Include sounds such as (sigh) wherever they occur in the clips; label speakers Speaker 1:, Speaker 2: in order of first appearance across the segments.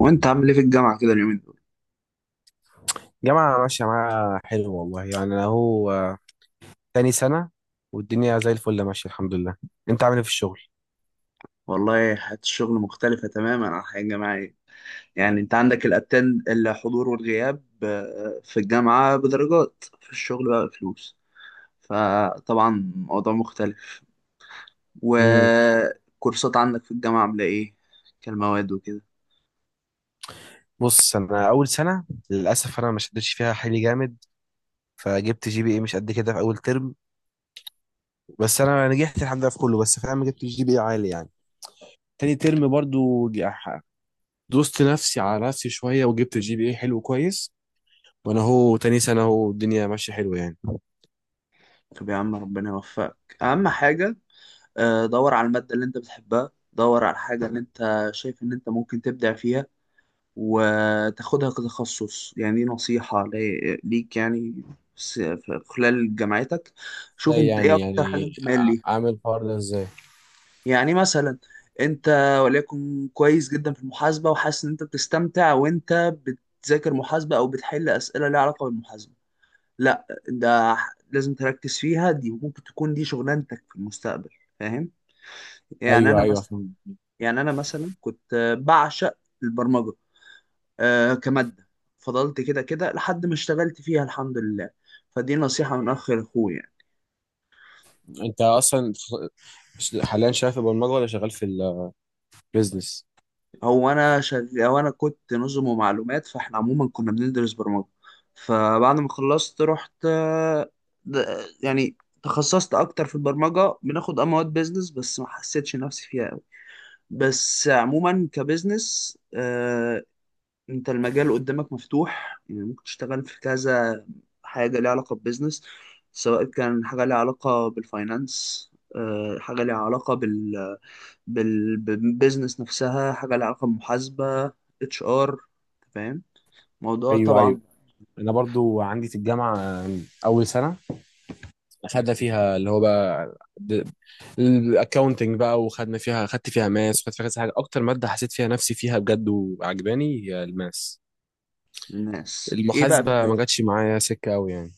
Speaker 1: وانت عامل ايه في الجامعه كده اليومين دول؟
Speaker 2: جامعة ماشية معايا حلو والله يعني أنا هو تاني سنة، والدنيا زي الفل ماشية الحمد لله. أنت عامل إيه في الشغل؟
Speaker 1: والله حياه الشغل مختلفه تماما عن الحياه الجامعيه. يعني انت عندك الاتند، الحضور والغياب، في الجامعه بدرجات، في الشغل بقى فلوس. فطبعا موضوع مختلف.
Speaker 2: مم.
Speaker 1: وكورسات عندك في الجامعه عامله ايه؟ كالمواد وكده.
Speaker 2: بص أنا أول سنة، للأسف أنا ما شدتش فيها حيلي جامد، فجبت جي بي إيه مش قد كده في أول ترم. بس أنا نجحت الحمد لله في كله، بس فاهم جبت جي بي إيه عالي يعني. تاني ترم برضو دوست نفسي على نفسي شوية وجبت الجي بي اي حلو كويس. وأنا هو تاني سنة، هو الدنيا ماشية حلوة يعني.
Speaker 1: طب يا عم ربنا يوفقك، اهم حاجه دور على الماده اللي انت بتحبها، دور على الحاجه اللي انت شايف ان انت ممكن تبدع فيها وتاخدها كتخصص. يعني دي نصيحة ليك يعني. في خلال جامعتك شوف
Speaker 2: ازاي
Speaker 1: انت ايه
Speaker 2: يعني
Speaker 1: اكتر حاجة
Speaker 2: يعني
Speaker 1: انت مايل
Speaker 2: ع-
Speaker 1: ليها.
Speaker 2: عامل الحوار ده ازاي؟
Speaker 1: يعني مثلا انت وليكن كويس جدا في المحاسبة وحاسس ان انت بتستمتع وانت بتذاكر محاسبة او بتحل اسئلة ليها علاقة بالمحاسبة، لا ده لازم تركز فيها، دي ممكن تكون دي شغلانتك في المستقبل. فاهم؟ يعني
Speaker 2: ايوه
Speaker 1: انا
Speaker 2: ايوه.
Speaker 1: مثلا يعني انا مثلا كنت بعشق البرمجة كمادة. فضلت كده كده لحد ما اشتغلت فيها الحمد لله. فدي نصيحة من أخ لأخوه يعني.
Speaker 2: انت اصلا حاليا شغال في البرمجه ولا شغال في البيزنس؟
Speaker 1: هو أنا كنت نظم ومعلومات، فإحنا عموما كنا بندرس برمجة. فبعد ما خلصت رحت، يعني تخصصت أكتر في البرمجة. بناخد مواد بيزنس بس ما حسيتش نفسي فيها أوي. بس عموما كبزنس انت المجال قدامك مفتوح، يعني ممكن تشتغل في كذا حاجة ليها علاقة ببزنس. سواء كان حاجة ليها علاقة بالفاينانس، حاجة ليها علاقة بالبيزنس نفسها، حاجة ليها علاقة بمحاسبة، اتش ار. فاهم؟ موضوع
Speaker 2: ايوه ايوه.
Speaker 1: طبعا.
Speaker 2: انا برضو عندي في الجامعه اول سنه، خدنا فيها اللي هو بقى الاكونتنج بقى، وخدنا فيها خدت فيها ماس وخدت فيها كذا حاجه. اكتر ماده حسيت فيها نفسي فيها بجد وعجباني هي الماس.
Speaker 1: الناس ايه بقى؟ في
Speaker 2: المحاسبه ما
Speaker 1: الناس
Speaker 2: جاتش معايا سكه قوي يعني.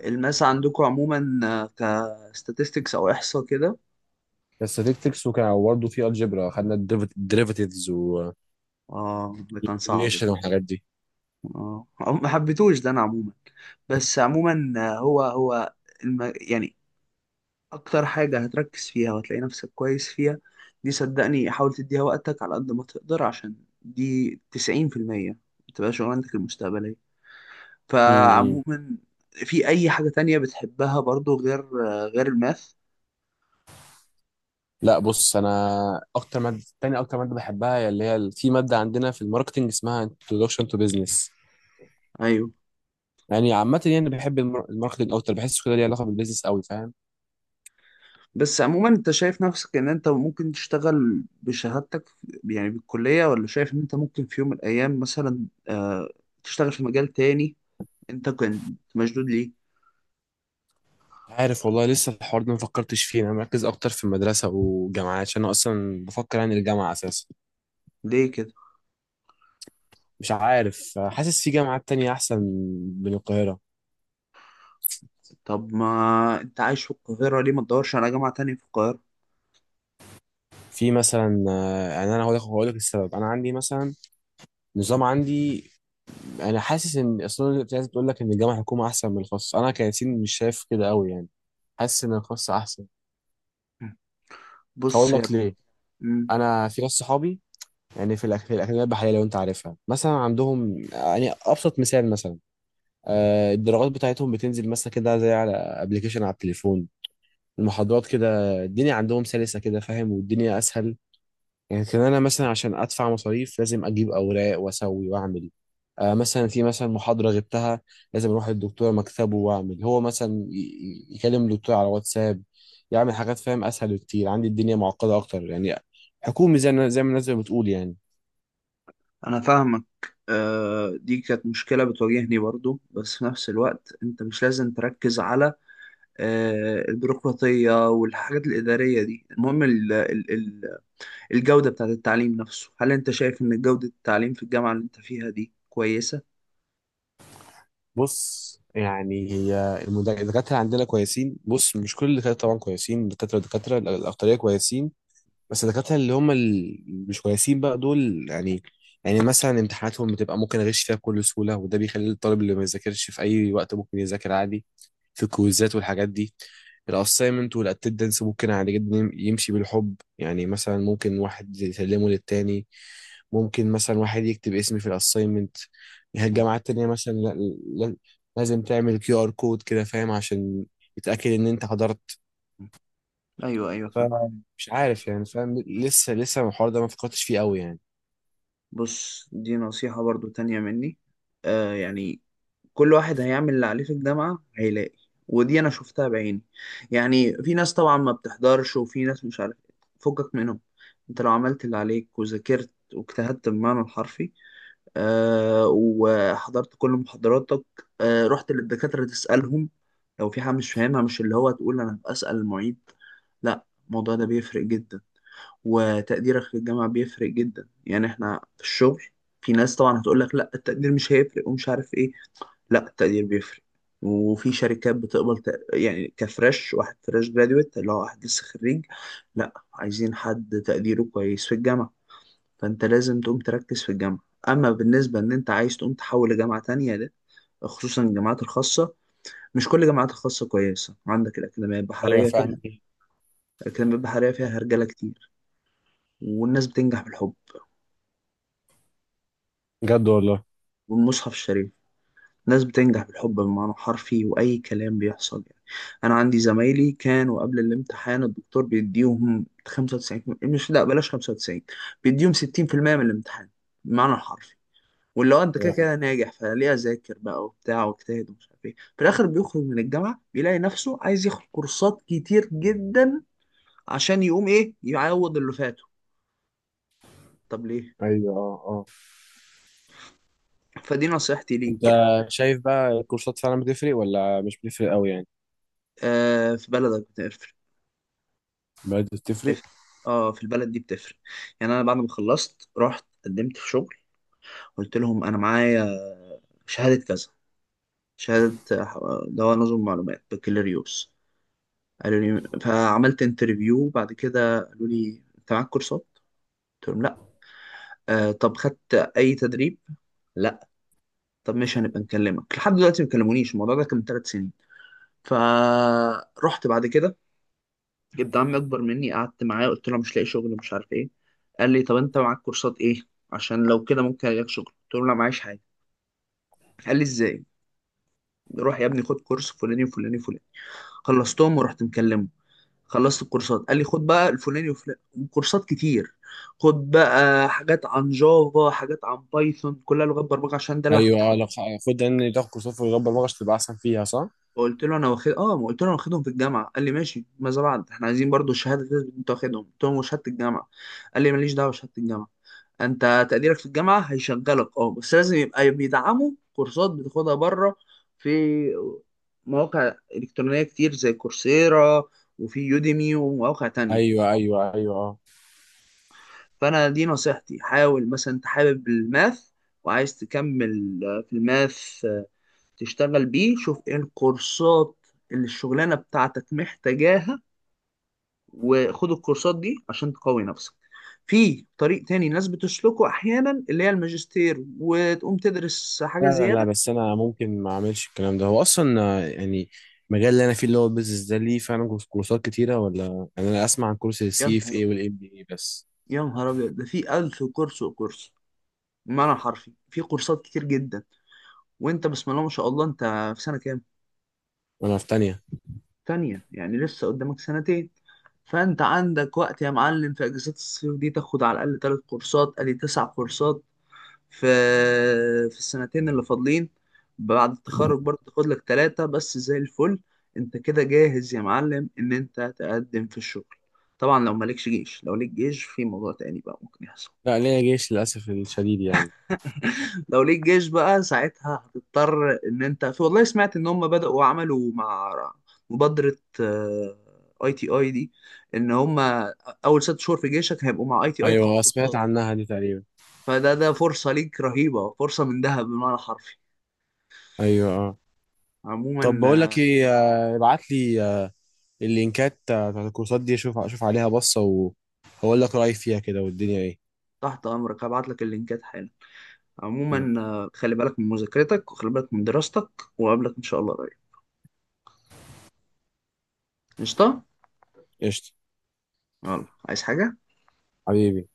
Speaker 1: الماس عندكم عموما، كستاتستكس او احصاء كده.
Speaker 2: الستاتستكس، وكان برضه في الجبرا خدنا الديريفاتيفز
Speaker 1: اه، ده كان صعب
Speaker 2: والريليشن
Speaker 1: ده.
Speaker 2: والحاجات دي.
Speaker 1: اه، ما حبيتوش ده انا عموما. بس عموما يعني اكتر حاجة هتركز فيها وهتلاقي نفسك كويس فيها، دي صدقني حاول تديها وقتك على قد ما تقدر، عشان دي 90% بتبقى شغلانتك المستقبلية.
Speaker 2: م.
Speaker 1: فعموما في اي حاجة تانية بتحبها برضو غير الماث؟
Speaker 2: لا بص انا اكتر ماده، تاني اكتر ماده بحبها هي اللي هي في ماده عندنا في الماركتنج اسمها introduction to business.
Speaker 1: ايوه.
Speaker 2: يعني عامه، يعني بحب الماركتنج اكتر، بحس كده ليه علاقه بالبيزنس قوي، فاهم.
Speaker 1: بس عموما انت شايف نفسك ان انت ممكن تشتغل بشهادتك يعني بالكلية، ولا شايف ان انت ممكن في يوم من الايام مثلا تشتغل في مجال تاني انت كنت مشدود ليه؟
Speaker 2: عارف والله لسه الحوار ده ما فكرتش فيه، انا مركز اكتر في المدرسه والجامعه عشان انا اصلا بفكر يعني الجامعه اساسا.
Speaker 1: ليه كده؟
Speaker 2: مش عارف، حاسس في جامعات تانية احسن من القاهره.
Speaker 1: طب ما انت عايش في القاهرة، ليه ما تدورش على جامعة تانية في القاهرة؟
Speaker 2: في مثلا يعني انا هقول لك السبب. انا عندي مثلا نظام عندي. انا حاسس ان اصلا الناس بتقول لك ان الجامعه الحكومه احسن من الخاص، انا كياسين مش شايف كده قوي يعني. حاسس ان الخاص احسن. هقول
Speaker 1: بص يا.
Speaker 2: لك ليه.
Speaker 1: مم.
Speaker 2: انا في ناس صحابي، يعني في الاكاديميه البحريه لو انت عارفها، مثلا عندهم يعني ابسط مثال مثلا الدرجات بتاعتهم بتنزل مثلا كده زي على ابلكيشن على التليفون، المحاضرات كده، الدنيا عندهم سلسه كده، فاهم، والدنيا اسهل. يمكن انا مثلا عشان ادفع مصاريف لازم اجيب اوراق واسوي واعمل مثلا في مثلا محاضره غبتها، لازم اروح للدكتور مكتبه واعمل هو مثلا يكلم الدكتور على واتساب، يعمل حاجات، فاهم، اسهل بكتير عندي الدنيا معقده اكتر يعني، حكومي زي ما الناس بتقول يعني.
Speaker 1: انا فاهمك. دي كانت مشكلة بتواجهني برضو، بس في نفس الوقت انت مش لازم تركز على البيروقراطية والحاجات الإدارية دي، المهم ال ال ال الجودة بتاعت التعليم نفسه. هل انت شايف ان جودة التعليم في الجامعة اللي انت فيها دي كويسة؟
Speaker 2: بص يعني هي الدكاتره عندنا كويسين، بص مش كل الدكاتره طبعا كويسين، دكاتره الاكتريه كويسين. بس الدكاترة اللي هم مش كويسين بقى دول يعني. يعني مثلا امتحاناتهم بتبقى ممكن اغش فيها بكل سهولة، وده بيخلي الطالب اللي ما يذاكرش في اي وقت ممكن يذاكر عادي، في الكويزات والحاجات دي. الاساينمنت والاتندنس ممكن عادي جدا يمشي بالحب، يعني مثلا ممكن واحد يسلمه للتاني، ممكن مثلا واحد يكتب اسمي في الاساينمنت.
Speaker 1: مم.
Speaker 2: الجامعات التانية مثلا لا- لازم تعمل كيو ار كود كده، فاهم، عشان يتأكد ان انت حضرت.
Speaker 1: ايوه ايوه، فاهم.
Speaker 2: فمش عارف يعني، فاهم، لسه الحوار ده ما فكرتش فيه قوي يعني.
Speaker 1: بص دي نصيحة برضو تانية مني يعني كل واحد هيعمل اللي عليه في الجامعة هيلاقي. ودي أنا شفتها بعيني. يعني في ناس طبعا ما بتحضرش، وفي ناس مش عارف إيه. فكك منهم. أنت لو عملت اللي عليك وذاكرت واجتهدت بالمعنى الحرفي، وحضرت كل محاضراتك، رحت للدكاترة تسألهم لو في حاجة مش فاهمها، مش اللي هو تقول أنا بسأل المعيد، لا الموضوع ده بيفرق جدا. وتقديرك في الجامعة بيفرق جدا. يعني احنا في الشغل، في ناس طبعا هتقول لك لا التقدير مش هيفرق ومش عارف ايه، لا التقدير بيفرق. وفي شركات بتقبل يعني كفريش، واحد فريش جراديويت اللي هو واحد لسه خريج، لا عايزين حد تقديره كويس في الجامعة. فانت لازم تقوم تركز في الجامعة. اما بالنسبة ان انت عايز تقوم تحول لجامعة تانية ده، خصوصا الجامعات الخاصة، مش كل الجامعات الخاصة كويسة. عندك الأكاديمية
Speaker 2: ايوه
Speaker 1: البحرية
Speaker 2: فعلا.
Speaker 1: فيها. الأكاديمية البحرية فيها هرجلة كتير، والناس بتنجح بالحب
Speaker 2: بجد والله.
Speaker 1: والمصحف الشريف. ناس بتنجح بالحب بمعنى حرفي، وأي كلام بيحصل يعني. أنا عندي زمايلي كانوا قبل الامتحان الدكتور بيديهم 95، مش لا بلاش 95، بيديهم 60% من الامتحان بمعنى الحرفي. واللي هو أنت كده
Speaker 2: فعلاً.
Speaker 1: كده ناجح، فليه أذاكر بقى وبتاع واجتهد ومش عارف إيه، في الآخر بيخرج من الجامعة بيلاقي نفسه عايز ياخد كورسات كتير جدا عشان يقوم إيه، يعوض اللي فاته. طب ليه؟
Speaker 2: ايوه اه اه.
Speaker 1: فدي نصيحتي
Speaker 2: انت
Speaker 1: ليك يعني.
Speaker 2: شايف بقى الكورسات فعلا بتفرق ولا مش بتفرق قوي يعني؟
Speaker 1: في بلدك
Speaker 2: بدأت تفرق.
Speaker 1: بتفرق. اه، في البلد دي بتفرق. يعني انا بعد ما خلصت رحت قدمت في شغل، قلت لهم انا معايا شهادة كذا، شهادة دواء نظم معلومات بكالوريوس. قالوا لي، فعملت انترفيو، بعد كده قالوا لي انت معاك كورسات؟ قلت لهم لا. آه، طب خدت اي تدريب؟ لا. طب مش هنبقى نكلمك. لحد دلوقتي ما كلمونيش. الموضوع ده كان من 3 سنين. فرحت بعد كده جبت عمي اكبر مني، قعدت معاه قلت له أنا مش لاقي شغل مش عارف ايه. قال لي طب انت معاك كورسات ايه عشان لو كده ممكن الاقي شغل. قلت له لا معيش حاجه. قال لي ازاي؟ روح يا ابني خد كورس فلاني وفلاني وفلاني. خلصتهم ورحت مكلمه، خلصت الكورسات قال لي خد بقى الفلاني وفلاني. كورسات كتير. خد بقى حاجات عن جافا، حاجات عن بايثون، كلها لغات برمجه عشان ده اللي
Speaker 2: ايوه
Speaker 1: كنت
Speaker 2: اه،
Speaker 1: حابه.
Speaker 2: لو خد ان تاخد كورسات في اللغه البرمجه تبقى احسن فيها صح؟
Speaker 1: قلت له انا واخد ما قلت له انا واخدهم في الجامعه. قال لي ماشي، ماذا بعد، احنا عايزين برضو الشهاده اللي انت واخدهم. قلت له وشهاده الجامعه. قال لي ماليش دعوه بشهاده الجامعه. انت تقديرك في الجامعه هيشغلك بس لازم يبقى بيدعموا كورسات بتاخدها بره في مواقع الكترونيه كتير زي كورسيرا، وفي يوديمي ومواقع تانية.
Speaker 2: ايوه ايوه ايوه اه.
Speaker 1: فانا دي نصيحتي، حاول مثلا انت حابب الماث وعايز تكمل في الماث تشتغل بيه، شوف ايه الكورسات اللي الشغلانه بتاعتك محتاجاها وخد الكورسات دي عشان تقوي نفسك. في طريق تاني الناس بتسلكه احيانا اللي هي الماجستير وتقوم تدرس
Speaker 2: لا
Speaker 1: حاجه
Speaker 2: لا لا،
Speaker 1: زياده.
Speaker 2: بس انا ممكن ما اعملش الكلام ده، هو اصلا يعني المجال اللي انا فيه اللي هو البيزنس ده ليه فعلا كورسات كتيره، ولا يعني انا اسمع عن كورس
Speaker 1: يا
Speaker 2: السي
Speaker 1: نهار
Speaker 2: اف اي
Speaker 1: أبيض،
Speaker 2: والام بي اي بس؟
Speaker 1: يا نهار ابيض، ده في الف كورس وكورس بمعنى حرفي. في كورسات كتير جدا. وانت بسم الله ما شاء الله، انت في سنه كام؟
Speaker 2: وانا في تانية.
Speaker 1: تانية، يعني لسه قدامك سنتين. فانت عندك وقت يا معلم، في اجازات الصيف دي تاخد على الاقل 3 كورسات، ادي 9 كورسات في السنتين اللي فاضلين. بعد التخرج برضه تاخد لك ثلاثة بس زي الفل. انت كده جاهز يا معلم ان انت تقدم في الشغل. طبعا لو مالكش جيش، لو ليك جيش في موضوع تاني بقى ممكن يحصل.
Speaker 2: لا ليا جيش للأسف الشديد يعني.
Speaker 1: (laughs) لو ليك جيش بقى ساعتها هتضطر ان انت، في والله سمعت ان هم بدأوا عملوا مع مبادرة اي تي اي دي، ان هم اول 6 شهور في جيشك هيبقوا مع اي تي اي تاخد
Speaker 2: أيوة سمعت
Speaker 1: كورسات.
Speaker 2: عنها دي تقريبا.
Speaker 1: فده فرصة ليك رهيبة، فرصة من ذهب بمعنى حرفي.
Speaker 2: أيوة اه. طب بقول
Speaker 1: عموما
Speaker 2: لك إيه، ابعت لي اللينكات بتاعت الكورسات دي، أشوف عليها بصة وأقول لك رأيي فيها كده والدنيا إيه.
Speaker 1: تحت أمرك هبعت لك اللينكات حالا. عموما خلي بالك من مذاكرتك وخلي بالك من دراستك، وقابلك إن شاء الله قريب. قشطة؟
Speaker 2: قشطة.
Speaker 1: يلا، عايز حاجة؟
Speaker 2: حبيبي.